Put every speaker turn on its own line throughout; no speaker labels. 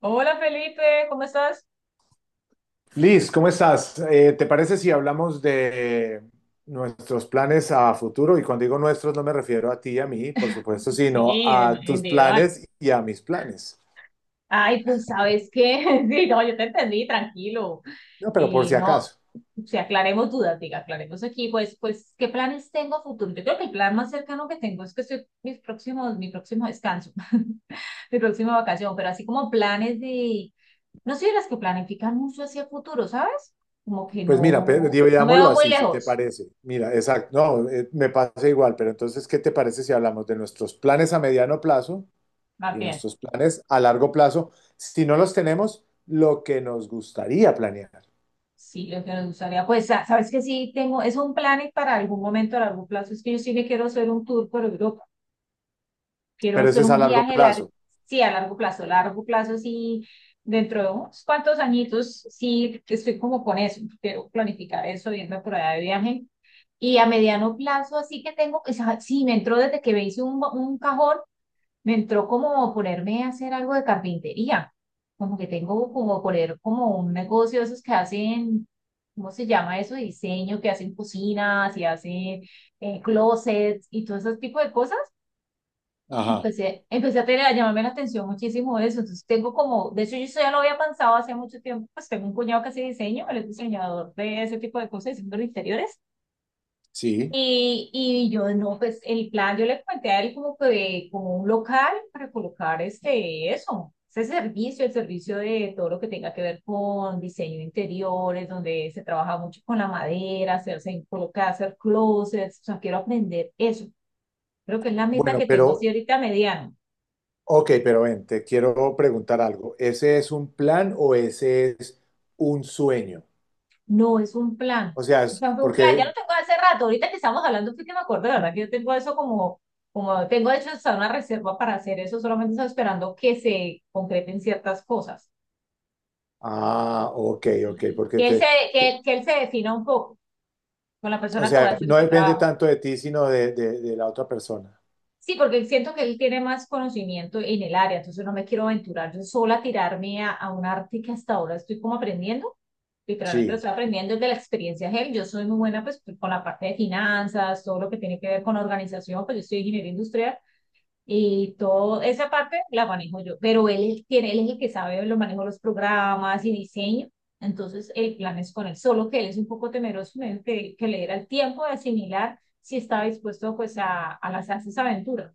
Hola Felipe, ¿cómo estás?
Liz, ¿cómo estás? ¿Te parece si hablamos de nuestros planes a futuro? Y cuando digo nuestros no me refiero a ti y a mí, por supuesto, sino
Sí, de
a
manera
tus
individual.
planes y a mis planes.
Ay, pues ¿sabes qué? Sí, no, yo te entendí, tranquilo.
No, pero por
Eh,
si
no,
acaso.
si aclaremos dudas, diga, aclaremos aquí, pues, ¿qué planes tengo a futuro? Yo creo que el plan más cercano que tengo es que estoy mi próximo descanso, mi próxima vacación, pero así como planes de, no soy de las que planifican mucho hacia futuro, ¿sabes? Como que
Pues mira,
no me
digámoslo
veo muy
así, si te
lejos,
parece. Mira, exacto, no, me pasa igual, pero entonces, ¿qué te parece si hablamos de nuestros planes a mediano plazo
más
y
bien.
nuestros planes a largo plazo? Si no los tenemos, lo que nos gustaría planear,
Sí, lo que nos gustaría, pues, sabes que sí tengo, es un plan y para algún momento, a largo plazo, es que yo sí me quiero hacer un tour por Europa, quiero
pero ese
hacer
es a
un
largo
viaje largo,
plazo.
sí, a largo plazo, sí, dentro de unos cuantos añitos, sí, estoy como con eso, quiero planificar eso, irme por allá de viaje, y a mediano plazo, así que tengo, o sea, sí, me entró desde que me hice un cajón, me entró como ponerme a hacer algo de carpintería, como que tengo como poner como un negocio de esos que hacen, ¿cómo se llama eso? Diseño, que hacen cocinas y hacen closets y todo ese tipo de cosas.
Ajá,
Empecé a llamarme la atención muchísimo eso, entonces tengo como, de hecho yo eso ya lo había pensado hace mucho tiempo, pues tengo un cuñado que hace diseño, él es diseñador de ese tipo de cosas, diseño de interiores.
sí.
Y yo, no, pues el plan, yo le planteé a él como que de- como un local para colocar este, eso, ese servicio, el servicio de todo lo que tenga que ver con diseño de interiores, donde se trabaja mucho con la madera, hacerse, colocar, hacer closets, o sea, quiero aprender eso. Creo que es la meta
Bueno,
que tengo así
pero
ahorita a mediano.
Ok, pero ven, te quiero preguntar algo. ¿Ese es un plan o ese es un sueño?
No, es un plan.
O sea,
O
es
sea, fue un plan. Ya
porque...
lo tengo hace rato. Ahorita que estamos hablando, fue que me acuerdo, la verdad, que yo tengo eso como, como, tengo de hecho hasta una reserva para hacer eso. Solamente estoy esperando que se concreten ciertas cosas.
Ah, ok, ok,
Que él se,
te-
que él se defina un poco con la
O
persona que va a
sea,
hacer
no
ese
depende
trabajo.
tanto de ti, sino de, de la otra persona.
Sí, porque siento que él tiene más conocimiento en el área, entonces no me quiero aventurar yo sola a tirarme a un arte que hasta ahora estoy como aprendiendo. Literalmente lo
Sí,
estoy aprendiendo desde la experiencia de él. Yo soy muy buena pues con la parte de finanzas, todo lo que tiene que ver con organización, pues yo soy ingeniero industrial y toda esa parte la manejo yo, pero él tiene, él es el que sabe, lo manejo los programas y diseño. Entonces el plan es con él, solo que él es un poco temeroso, me dijo que le diera el tiempo de asimilar si estaba dispuesto pues a lanzarse esa aventura.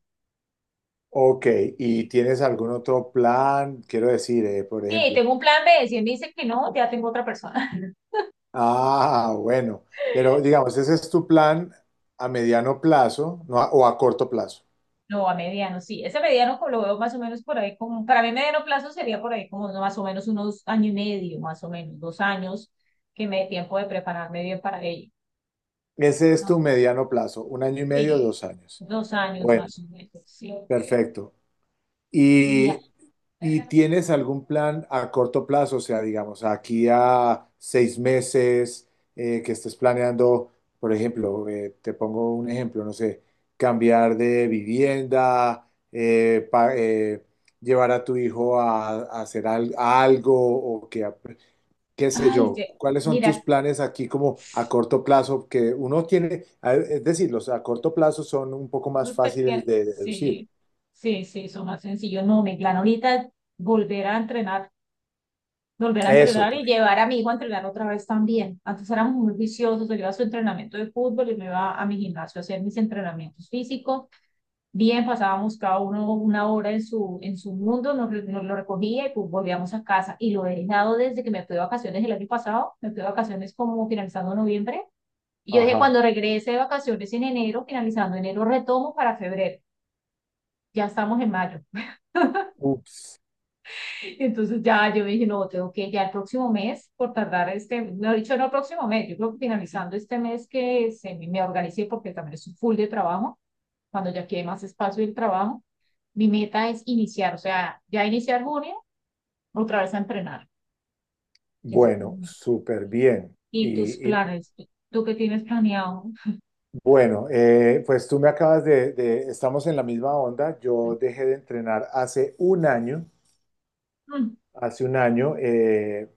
ok. ¿Y tienes algún otro plan? Quiero decir, por
Sí,
ejemplo.
tengo un plan B. Si él me dice que no, ya tengo otra persona.
Ah, bueno. Pero digamos, ese es tu plan a mediano plazo, no a- o a corto plazo.
No, a mediano, sí. Ese mediano co- lo veo más o menos por ahí como, para mí mediano plazo sería por ahí como ¿no? más o menos unos año y medio, más o menos, 2 años, que me dé tiempo de prepararme bien para ello.
Ese es
No,
tu mediano plazo, un año y medio,
sí,
dos años.
2 años
Bueno,
más o menos, sí.
perfecto.
Y, ah,
Y, y tienes algún plan a corto plazo, o sea, digamos, aquí a seis meses que estés planeando, por ejemplo, te pongo un ejemplo, no sé, cambiar de vivienda, llevar a tu hijo a, a algo o que, qué sé
ay, sí,
yo. ¿Cuáles son tus
mira,
planes aquí como a corto plazo que uno tiene? Es decir, los a corto plazo son un poco más
los pequeños,
fáciles de deducir.
sí, sí, sí, son más sencillos. No, mi plan ahorita es volver a entrenar volver a
Eso,
entrenar y
por ejemplo.
llevar a mi hijo a entrenar otra vez también. Antes éramos muy viciosos, él iba a su entrenamiento de fútbol y me iba a mi gimnasio a hacer mis entrenamientos físicos. Bien, pasábamos cada uno 1 hora en su mundo, nos, nos lo recogía y pues volvíamos a casa. Y lo he dejado desde que me fui de vacaciones el año pasado, me fui de vacaciones como finalizando noviembre. Y yo dije,
Ajá.
cuando regrese de vacaciones en enero, finalizando enero, retomo para febrero. Ya estamos en mayo.
Ups.
Entonces ya yo dije, no, tengo que ya el próximo mes, por tardar este, no he dicho no el próximo mes, yo creo que finalizando este mes que se, me organicé porque también es un full de trabajo, cuando ya quede más espacio del trabajo, mi meta es iniciar, o sea, ya iniciar junio, otra vez a entrenar. Esa es mi
Bueno,
meta.
súper bien.
¿Y tus
Y, y,
planes? ¿Tú, tú qué tienes planeado?
bueno, eh, pues tú me acabas de, estamos en la misma onda. Yo dejé de entrenar
Mm,
hace un año,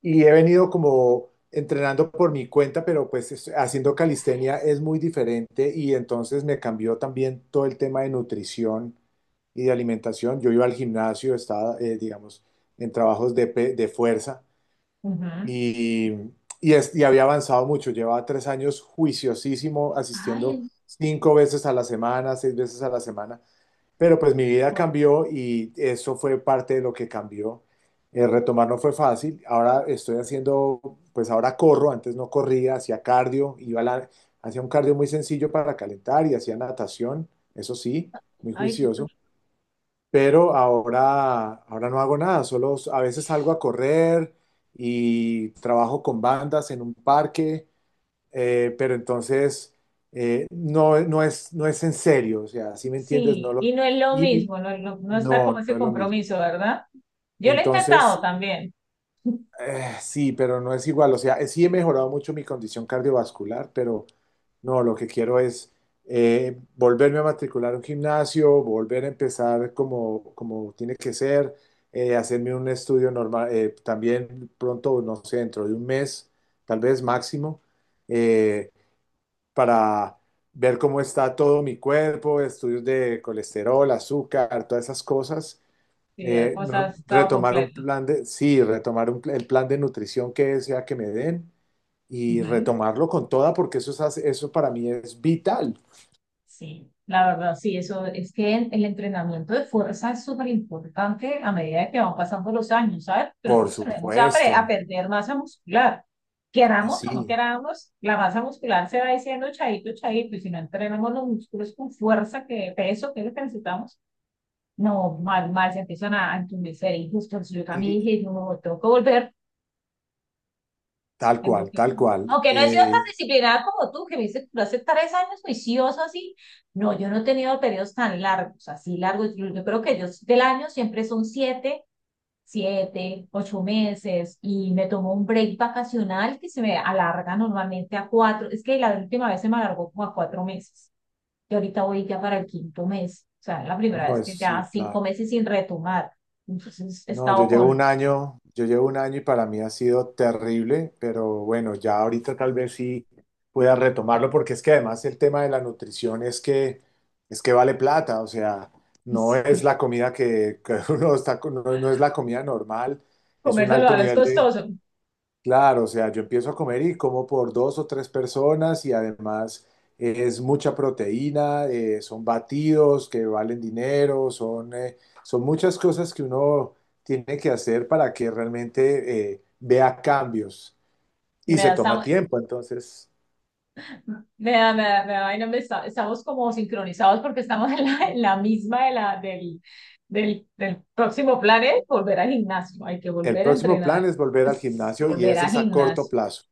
y he venido como entrenando por mi cuenta, pero haciendo calistenia es muy diferente y entonces me cambió también todo el tema de nutrición y de alimentación. Yo iba al gimnasio, estaba, digamos, en trabajos de, de fuerza.
ujú.
y, y había avanzado mucho. Llevaba tres años juiciosísimo, asistiendo
Ay,
cinco veces a la semana, seis veces a la semana. Pero pues mi vida
wow.
cambió y eso fue parte de lo que cambió. Retomar no fue fácil. Ahora estoy haciendo, pues ahora corro, antes no corría, hacía cardio, hacía un cardio muy sencillo para calentar y hacía natación, eso sí, muy
Ay,
juicioso, pero ahora, ahora no hago nada, a veces salgo a correr y trabajo con bandas en un parque, pero entonces no, no es, no es en serio, o sea, si me entiendes,
sí, y no es lo
y
mismo, no, no, no está como
no, no
ese
es lo mismo.
compromiso, ¿verdad? Yo lo he intentado
Entonces,
también.
sí, pero no es igual. O sea, sí he mejorado mucho mi condición cardiovascular, pero no, lo que quiero es volverme a matricular a un gimnasio, volver a empezar como, como tiene que ser, hacerme un estudio normal, también pronto, no sé, dentro de un mes, tal vez máximo, eh, para ver cómo está todo mi cuerpo, estudios de colesterol, azúcar, todas esas cosas.
Sí, la cosa ha estado
Retomar un
completa.
plan de, sí, retomar un el plan de nutrición que sea que me den y
Ujú.
retomarlo con toda, porque eso es, eso para mí es vital.
Sí, la verdad, sí, eso es que en- el entrenamiento de fuerza es súper importante a medida que van pasando los años, ¿sabes? Pero
Por
nosotros tenemos a, pre- a
supuesto,
perder masa muscular.
eh,
Queramos o no
sí,
queramos, la masa muscular se va diciendo chaito, chaito, y si no entrenamos los músculos con fuerza, que peso que necesitamos, no, más se empiezan a entumecer y justo entonces yo también
eh,
dije, no, tengo que volver,
tal cual,
tengo que...
tal cual.
Aunque no he sido tan disciplinada como tú, que me dices, tú hace 3 años juicioso así. No, yo no he tenido periodos tan largos, así largos. Yo creo que yo del año siempre son siete, siete, 8 meses y me tomo un break vacacional que se me alarga normalmente a cuatro. Es que la última vez se me alargó como a 4 meses. Yo ahorita voy ya para el quinto mes, o sea, la primera
No,
vez
es
que ya
sí,
cinco
claro.
meses sin retomar. Entonces he
No, yo
estado
llevo
con
un año, yo llevo un año y para mí ha sido terrible, pero bueno, ya ahorita tal vez sí pueda retomarlo, porque es que además el tema de la nutrición es que vale plata, o sea, no
sí,
es la comida que uno está, no, no es la comida normal, es
comer
un alto
saludable es
nivel.
costoso.
Claro, o sea, yo empiezo a comer y como por dos o tres personas y además es mucha proteína, son batidos que valen dinero, son, son muchas cosas que uno tiene que hacer para que realmente vea cambios y
Me
se
da,
toma
estamos,
tiempo. Entonces,
me da vaina, estamos como sincronizados porque estamos en la misma de la, del próximo plan es volver al gimnasio. Hay que
el
volver a
próximo plan
entrenar,
es volver al
es
gimnasio y
volver
ese
al
es a corto
gimnasio.
plazo,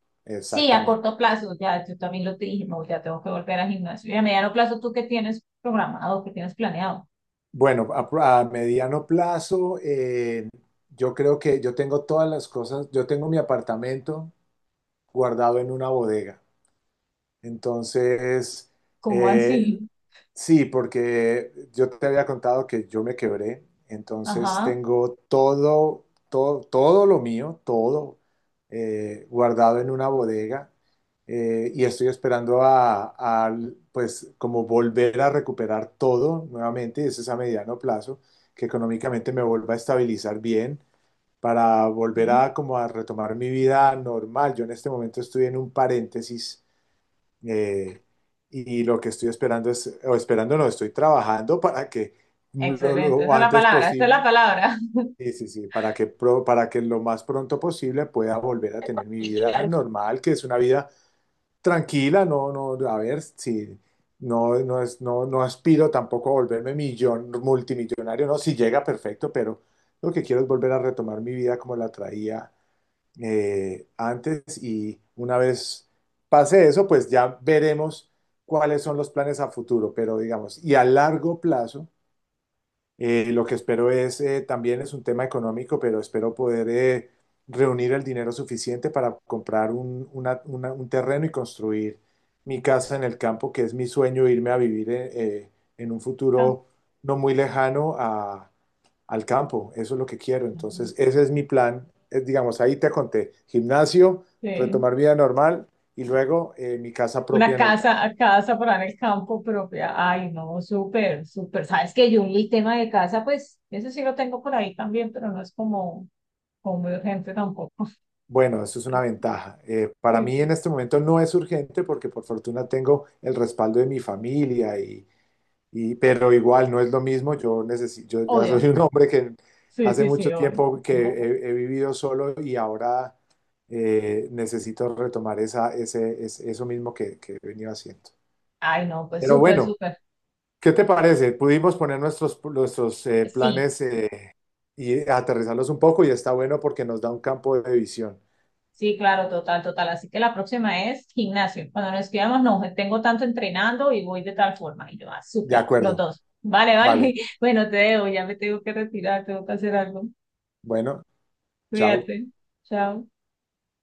Sí, a
exactamente.
corto plazo, ya yo también lo te dije, no, ya tengo que volver al gimnasio. Y a mediano plazo, ¿tú qué tienes programado, qué tienes planeado?
Bueno, a mediano plazo, yo creo que yo tengo todas las cosas, yo tengo mi apartamento guardado en una bodega. Entonces,
¿Cómo
eh,
así?
sí, porque yo te había contado que yo me quebré, entonces
Ajá.
tengo todo, todo, todo lo mío, todo guardado en una bodega, y estoy esperando a, pues, como volver a recuperar todo nuevamente, y eso es a mediano plazo, que económicamente me vuelva a estabilizar bien para volver
Sí.
a como a retomar mi vida normal. Yo en este momento estoy en un paréntesis, eh, y lo que estoy esperando es, o esperando no, estoy trabajando para que
Excelente. Esa
lo
es la
antes
palabra. Esa es la
posible,
palabra.
sí, sí, sí, para que, para que lo más pronto posible pueda volver a tener mi vida normal, que es una vida tranquila, no, no, a ver, si no, no es, no, no aspiro tampoco a volverme millón, multimillonario, no, si llega perfecto, pero lo que quiero es volver a retomar mi vida como la traía antes y una vez pase eso, pues ya veremos cuáles son los planes a futuro, pero digamos, y a largo plazo, lo que espero es, también es un tema económico, pero espero poder reunir el dinero suficiente para comprar un terreno y construir mi casa en el campo, que es mi sueño, irme a vivir eh, en un
Ca-
futuro no muy lejano a, al campo, eso es lo que quiero. Entonces, ese es mi plan. Es, digamos, ahí te conté, gimnasio,
Sí.
retomar vida normal y luego mi casa
Una
propia en el campo.
casa, casa para en el campo propia. Ay, no, súper, súper. Sabes que yo el tema de casa, pues, eso sí lo tengo por ahí también, pero no es como, como muy urgente tampoco.
Bueno, eso es una ventaja. Para
Sí,
mí en
sí.
este momento no es urgente porque por fortuna tengo el respaldo de mi familia pero igual no es lo mismo. Yo ya
Obvio.
soy un hombre que
Sí,
hace
sí, sí,
mucho
obvio.
tiempo que he, he vivido solo y ahora necesito retomar esa, ese, eso mismo que he venido haciendo.
Ay, no, pues
Pero
súper,
bueno,
súper.
¿qué te parece? Pudimos poner nuestros, nuestros
Sí.
planes, y aterrizarlos un poco y está bueno porque nos da un campo de visión.
Sí, claro, total, total. Así que la próxima es gimnasio. Cuando nos escribamos, no, tengo tanto entrenando y voy de tal forma. Y yo, ah,
De
súper, los
acuerdo.
dos. Vale, vale.
Vale.
Bueno, te debo, ya me tengo que retirar, tengo que hacer algo.
Bueno, chao.
Cuídate. Chao.